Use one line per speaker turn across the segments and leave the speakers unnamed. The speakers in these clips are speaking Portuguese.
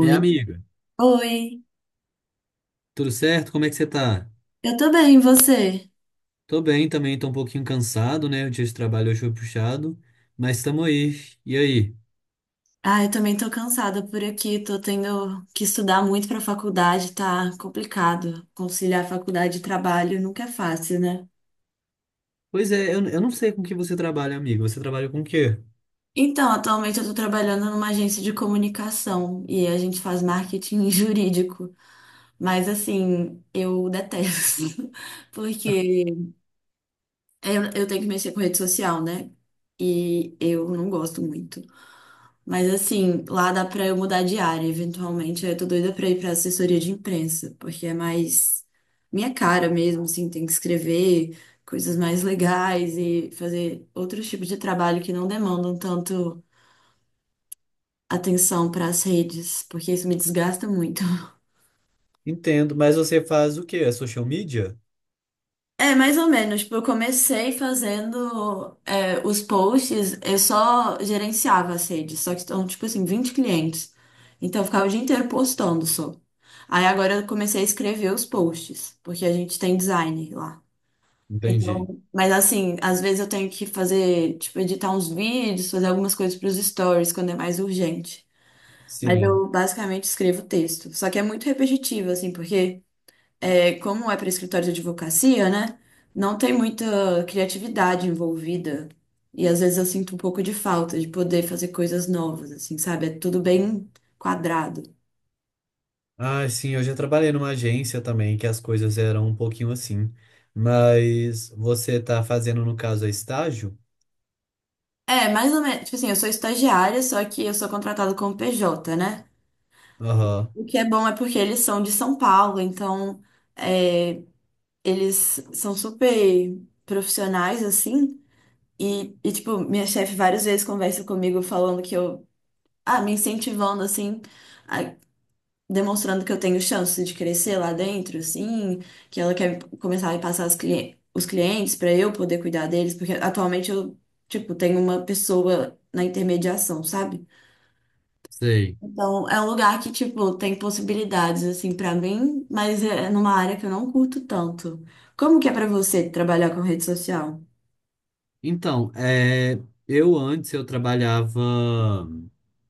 É, amiga,
Oi.
tudo certo? Como é que você tá?
Eu tô bem, e você?
Tô bem também, tô um pouquinho cansado, né? O dia de trabalho hoje foi puxado, mas estamos aí. E aí?
Ah, eu também tô cansada por aqui, tô tendo que estudar muito pra faculdade, tá complicado. Conciliar faculdade e trabalho nunca é fácil, né?
Pois é, eu não sei com que você trabalha, amiga. Você trabalha com o quê?
Então, atualmente eu tô trabalhando numa agência de comunicação e a gente faz marketing jurídico. Mas assim, eu detesto, porque eu tenho que mexer com rede social, né? E eu não gosto muito. Mas assim, lá dá pra eu mudar de área, eventualmente. Aí eu tô doida pra ir pra assessoria de imprensa, porque é mais minha cara mesmo, assim, tem que escrever coisas mais legais e fazer outros tipos de trabalho que não demandam tanto atenção pras redes, porque isso me desgasta muito.
Entendo, mas você faz o quê? É social media?
É, mais ou menos. Tipo, eu comecei fazendo os posts, eu só gerenciava as redes, só que estão, tipo assim, 20 clientes. Então, eu ficava o dia inteiro postando só. Aí agora eu comecei a escrever os posts, porque a gente tem design lá.
Entendi.
Então, mas assim, às vezes eu tenho que fazer, tipo, editar uns vídeos, fazer algumas coisas para os stories quando é mais urgente. Mas
Sim.
eu basicamente escrevo texto. Só que é muito repetitivo, assim, porque como é para escritório de advocacia, né? Não tem muita criatividade envolvida. E às vezes eu sinto um pouco de falta de poder fazer coisas novas, assim, sabe? É tudo bem quadrado.
Ah, sim, eu já trabalhei numa agência também, que as coisas eram um pouquinho assim. Mas você tá fazendo, no caso, é estágio?
É, mais ou menos. Tipo assim, eu sou estagiária, só que eu sou contratada como PJ, né?
Aham,
O que é bom é porque eles são de São Paulo, então é, eles são super profissionais, assim. E, tipo, minha chefe várias vezes conversa comigo falando que eu. Ah, me incentivando, assim a, demonstrando que eu tenho chance de crescer lá dentro, assim, que ela quer começar a me passar os clientes para eu poder cuidar deles, porque atualmente eu, tipo, tenho uma pessoa na intermediação, sabe?
sei.
Então, é um lugar que, tipo, tem possibilidades, assim, para mim, mas é numa área que eu não curto tanto. Como que é para você trabalhar com rede social?
Então, é, eu antes eu trabalhava.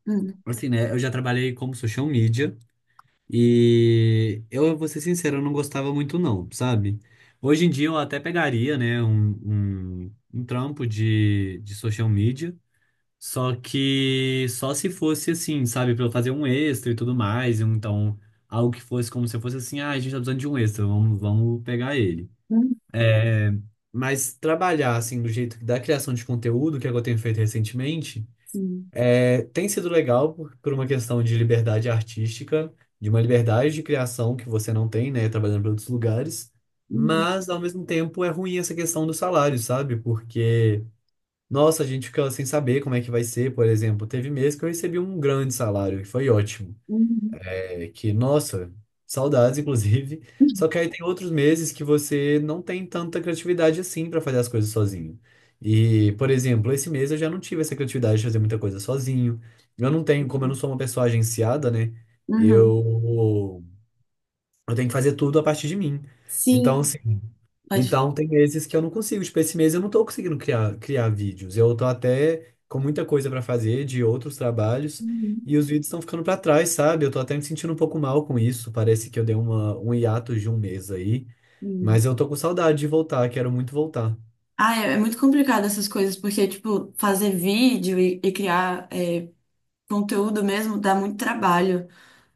Hum,
Assim, né? Eu já trabalhei como social media e eu vou ser sincero, eu não gostava muito não, sabe? Hoje em dia eu até pegaria, né, um trampo de social media, só que só se fosse assim, sabe, pra eu fazer um extra e tudo mais, um, então algo que fosse como se fosse assim, ah, a gente tá precisando de um extra, vamos, vamos pegar ele.
hum,
É, mas trabalhar assim do jeito da criação de conteúdo, que é o que eu tenho feito recentemente,
sim.
é, tem sido legal por uma questão de liberdade artística, de uma liberdade de criação que você não tem, né, trabalhando para outros lugares,
Hum,
mas ao mesmo tempo é ruim essa questão do salário, sabe? Porque, nossa, a gente fica sem saber como é que vai ser, por exemplo. Teve mês que eu recebi um grande salário, que foi ótimo.
hum,
É que, nossa, saudades, inclusive. Só que aí tem outros meses que você não tem tanta criatividade assim pra fazer as coisas sozinho. E, por exemplo, esse mês eu já não tive essa criatividade de fazer muita coisa sozinho. Eu não tenho, como eu não
hum.
sou uma pessoa agenciada, né?
Uhum.
Eu, eu tenho que fazer tudo a partir de mim. Então,
Sim.
assim,
Pode falar.
então, tem meses que eu não consigo. Tipo, esse mês eu não tô conseguindo criar vídeos. Eu tô até com muita coisa pra fazer de outros trabalhos e os vídeos estão ficando pra trás, sabe? Eu tô até me sentindo um pouco mal com isso. Parece que eu dei uma, um hiato de um mês aí,
Uhum.
mas eu tô com saudade de voltar, quero muito voltar.
Ah, é muito complicado essas coisas, porque, tipo, fazer vídeo e criar conteúdo mesmo dá muito trabalho.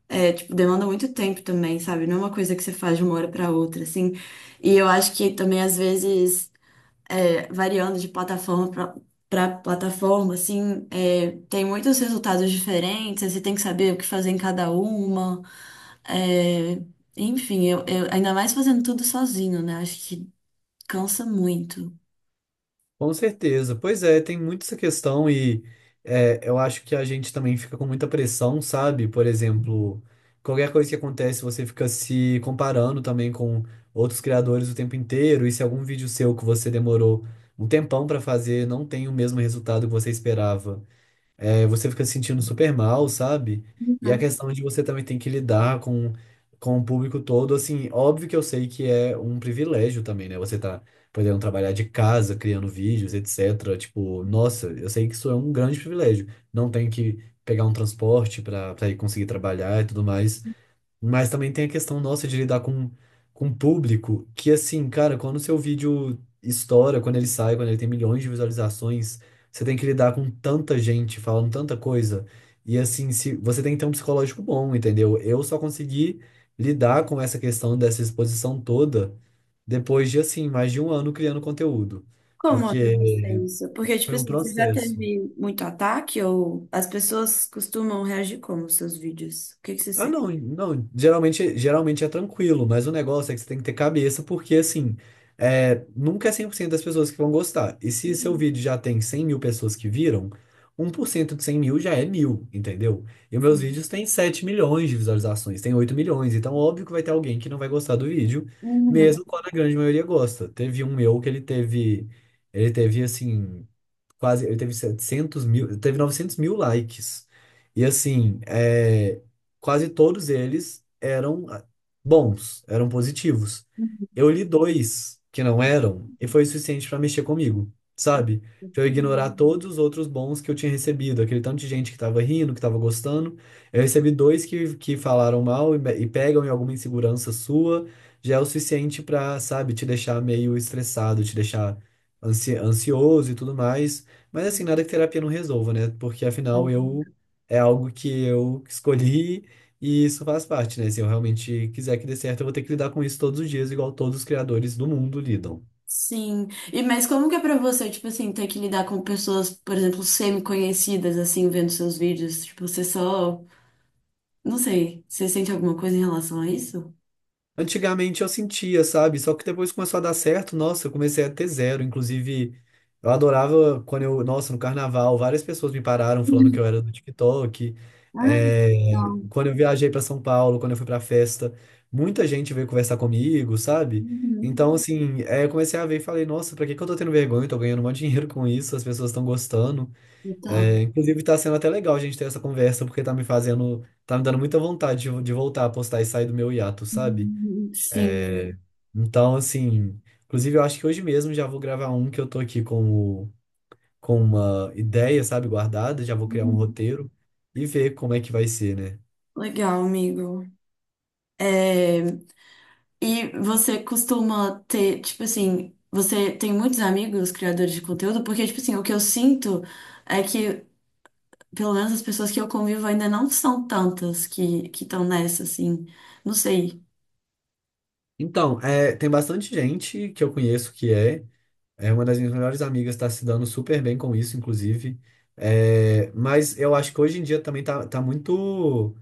É, tipo, demanda muito tempo também, sabe? Não é uma coisa que você faz de uma hora pra outra, assim. E eu acho que também, às vezes, variando de plataforma pra plataforma, assim, tem muitos resultados diferentes, aí você tem que saber o que fazer em cada uma. É, Enfim, ainda mais fazendo tudo sozinho, né? Acho que cansa muito.
Com certeza. Pois é, tem muito essa questão e é, eu acho que a gente também fica com muita pressão, sabe? Por exemplo, qualquer coisa que acontece, você fica se comparando também com outros criadores o tempo inteiro. E se algum vídeo seu que você demorou um tempão para fazer não tem o mesmo resultado que você esperava, é, você fica se sentindo super mal, sabe? E a questão de você também tem que lidar com o público todo, assim, óbvio que eu sei que é um privilégio também, né? Você tá podendo trabalhar de casa, criando vídeos, etc. Tipo, nossa, eu sei que isso é um grande privilégio. Não tem que pegar um transporte para ir conseguir trabalhar e tudo mais. Mas também tem a questão nossa de lidar com público, que assim, cara, quando o seu vídeo estoura, quando ele sai, quando ele tem milhões de visualizações, você tem que lidar com tanta gente falando tanta coisa. E assim, se você tem que ter um psicológico bom, entendeu? Eu só consegui lidar com essa questão dessa exposição toda depois de assim, mais de um ano criando conteúdo.
Como é
Porque
pra você isso? Porque,
foi
tipo
um
assim, você já
processo.
teve muito ataque ou as pessoas costumam reagir como aos seus vídeos? O que que você
Ah,
sente?
não, não, geralmente é tranquilo, mas o negócio é que você tem que ter cabeça, porque assim, é, nunca é 100% das pessoas que vão gostar. E se seu
Uhum.
vídeo já tem 100 mil pessoas que viram, 1% de 100 mil já é mil, entendeu? E meus
Sim.
vídeos têm 7 milhões de visualizações, tem 8 milhões, então óbvio que vai ter alguém que não vai gostar do vídeo,
Uhum.
mesmo quando a grande maioria gosta. Teve um meu que ele teve assim quase, ele teve 700 mil, ele teve 900 mil likes. E assim, é, quase todos eles eram ah, bons, eram positivos. Eu li dois que não eram e foi o suficiente pra mexer comigo, sabe? Pra eu ignorar todos os outros bons que eu tinha recebido, aquele tanto de gente que tava rindo, que tava gostando. Eu recebi dois que falaram mal e, e pegam em alguma insegurança sua, já é o suficiente pra, sabe, te deixar meio estressado, te deixar ansioso e tudo mais. Mas assim, nada que terapia não resolva, né? Porque afinal
Uhum.
eu é algo que eu escolhi e isso faz parte, né? Se eu realmente quiser que dê certo, eu vou ter que lidar com isso todos os dias, igual todos os criadores do mundo lidam.
Sim. E mas como que é pra você, tipo assim, ter que lidar com pessoas, por exemplo, semi-conhecidas, assim, vendo seus vídeos? Tipo, você só... Não sei. Você sente alguma coisa em relação a isso?
Antigamente eu sentia, sabe? Só que depois começou a dar certo, nossa, eu comecei a ter zero. Inclusive, eu adorava quando eu, nossa, no carnaval, várias pessoas me pararam falando que
Uhum.
eu era do TikTok.
Ah,
É,
legal.
quando eu viajei para São Paulo, quando eu fui para festa, muita gente veio conversar comigo, sabe?
Uhum.
Então, assim, é, eu comecei a ver e falei, nossa, pra que que eu tô tendo vergonha? Eu tô ganhando um monte de dinheiro com isso, as pessoas estão gostando.
Legal.
É, inclusive, tá sendo até legal a gente ter essa conversa, porque tá me fazendo, tá me dando muita vontade de voltar a postar e sair do meu hiato, sabe?
Uhum. Sim.
Então, assim, inclusive eu acho que hoje mesmo já vou gravar um que eu tô aqui com, com uma ideia, sabe, guardada, já vou criar um
Uhum.
roteiro e ver como é que vai ser, né?
Legal, amigo. É, E você costuma ter, tipo assim, você tem muitos amigos criadores de conteúdo? Porque, tipo assim, o que eu sinto é que, pelo menos as pessoas que eu convivo ainda não são tantas que estão nessa, assim. Não sei.
Então, é, tem bastante gente que eu conheço que é, é uma das minhas melhores amigas, tá se dando super bem com isso, inclusive. É, mas eu acho que hoje em dia também tá muito.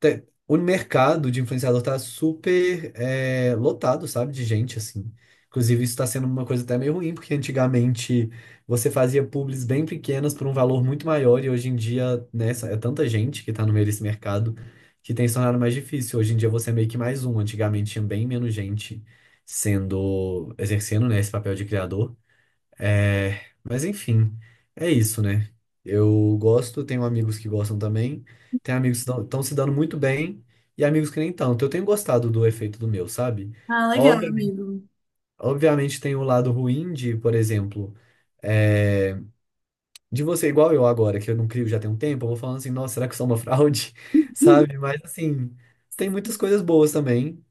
O mercado de influenciador tá super é, lotado, sabe? De gente, assim. Inclusive, isso tá sendo uma coisa até meio ruim, porque antigamente você fazia publis bem pequenas por um valor muito maior, e hoje em dia, né, é tanta gente que tá no meio desse mercado que tem se tornado mais difícil. Hoje em dia você é meio que mais um. Antigamente tinha bem menos gente sendo, exercendo, né, esse papel de criador. É, mas enfim, é isso, né? Eu gosto, tenho amigos que gostam também, tenho amigos que estão se dando muito bem e amigos que nem tanto. Eu tenho gostado do efeito do meu, sabe?
Ah, legal,
Obviamente,
amigo.
obviamente tem o lado ruim de, por exemplo, é, de você igual eu agora, que eu não crio já tem um tempo, eu vou falando assim, nossa, será que eu sou uma fraude? Sabe? Mas assim, tem muitas coisas boas também,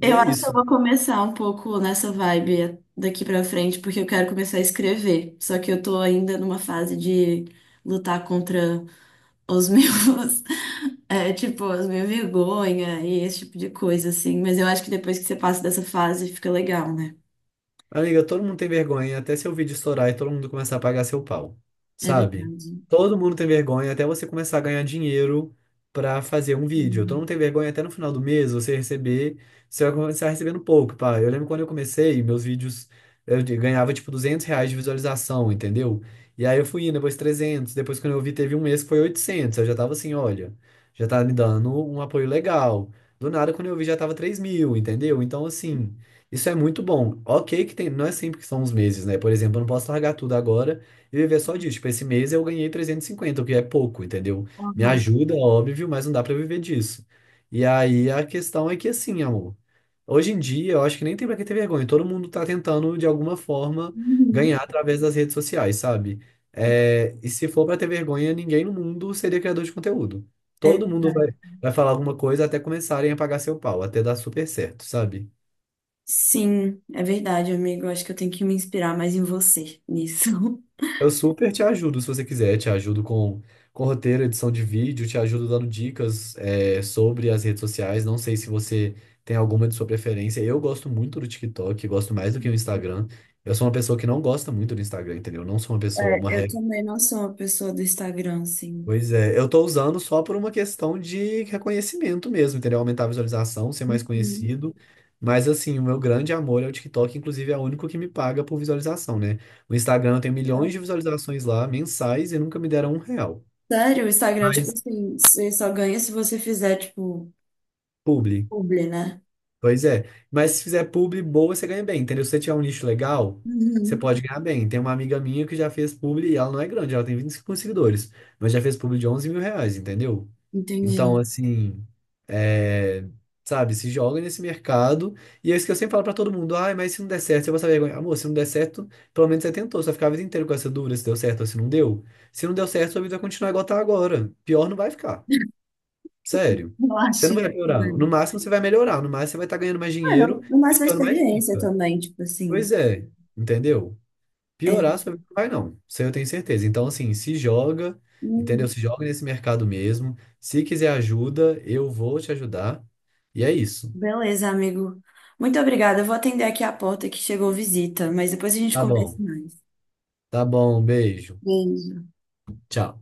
e
Eu
é
acho que eu
isso.
vou começar um pouco nessa vibe daqui pra frente, porque eu quero começar a escrever. Só que eu tô ainda numa fase de lutar contra os meus. É, tipo, as minhas vergonha e esse tipo de coisa, assim. Mas eu acho que depois que você passa dessa fase, fica legal, né?
Amiga, todo mundo tem vergonha até seu vídeo estourar e todo mundo começar a pagar seu pau,
É
sabe?
verdade.
Todo mundo tem vergonha até você começar a ganhar dinheiro pra fazer um vídeo. Todo
Hum.
mundo tem vergonha até no final do mês você receber, você vai começar recebendo pouco, pá. Eu lembro quando eu comecei, meus vídeos, eu ganhava tipo R$ 200 de visualização, entendeu? E aí eu fui indo, depois 300, depois quando eu vi teve um mês que foi 800, eu já tava assim, olha, já tá me dando um apoio legal. Do nada, quando eu vi, já tava 3 mil, entendeu? Então, assim... Isso é muito bom. Ok, que tem, não é sempre que são os meses, né? Por exemplo, eu não posso largar tudo agora e viver só disso. Tipo, esse mês eu ganhei 350, o que é pouco, entendeu? Me
Aham.
ajuda, óbvio, mas não dá pra viver disso. E aí a questão é que, assim, amor, hoje em dia eu acho que nem tem pra que ter vergonha. Todo mundo tá tentando, de alguma forma,
Uhum.
ganhar através das redes sociais, sabe? É, e se for pra ter vergonha, ninguém no mundo seria criador de conteúdo.
É,
Todo mundo vai, vai falar alguma coisa até começarem a pagar seu pau, até dar super certo, sabe?
sim, é verdade, amigo. Eu acho que eu tenho que me inspirar mais em você nisso.
Eu super te ajudo se você quiser. Te ajudo com roteiro, edição de vídeo, te ajudo dando dicas, é, sobre as redes sociais. Não sei se você tem alguma de sua preferência. Eu gosto muito do TikTok, gosto mais do que o Instagram. Eu sou uma pessoa que não gosta muito do Instagram, entendeu? Eu não sou uma pessoa,
É,
uma
eu também não sou uma pessoa do Instagram, assim.
Pois é, eu tô usando só por uma questão de reconhecimento mesmo, entendeu? Aumentar a visualização, ser mais
Uhum.
conhecido. Mas assim, o meu grande amor é o TikTok, inclusive é o único que me paga por visualização, né? O Instagram eu tenho milhões de visualizações lá, mensais, e nunca me deram um real.
Sério, o Instagram, tipo
Mas
assim, você só ganha se você fizer, tipo,
publi.
publi, né?
Pois é. Mas se fizer publi boa, você ganha bem, entendeu? Se você tiver um nicho legal, você
Uhum.
pode ganhar bem. Tem uma amiga minha que já fez publi e ela não é grande, ela tem 25 seguidores, mas já fez publi de R$ 11 mil, entendeu? Então,
Entendi.
assim, é, sabe, se joga nesse mercado. E é isso que eu sempre falo pra todo mundo: ai, mas se não der certo, você vai saber. Amor, se não der certo, pelo menos você tentou. Você vai ficar a vida inteira com essa dúvida se deu certo ou se não deu. Se não deu certo, sua vida vai continuar igual tá agora. Pior não vai ficar. Sério.
Eu
Você não
acho.
vai piorar. No
Mano,
máximo, você vai melhorar. No máximo, você vai estar ganhando mais dinheiro e
mas uma
ficando mais
experiência
rica.
também, tipo assim.
Pois é, entendeu?
é,
Piorar sua vida não vai, não. Isso aí eu tenho certeza. Então, assim, se joga, entendeu?
Hum,
Se joga nesse mercado mesmo. Se quiser ajuda, eu vou te ajudar. E é isso.
Beleza, amigo. Muito obrigada. Eu vou atender aqui a porta que chegou visita, mas depois a gente
Tá
conversa
bom.
mais.
Tá bom, beijo.
Beijo.
Tchau.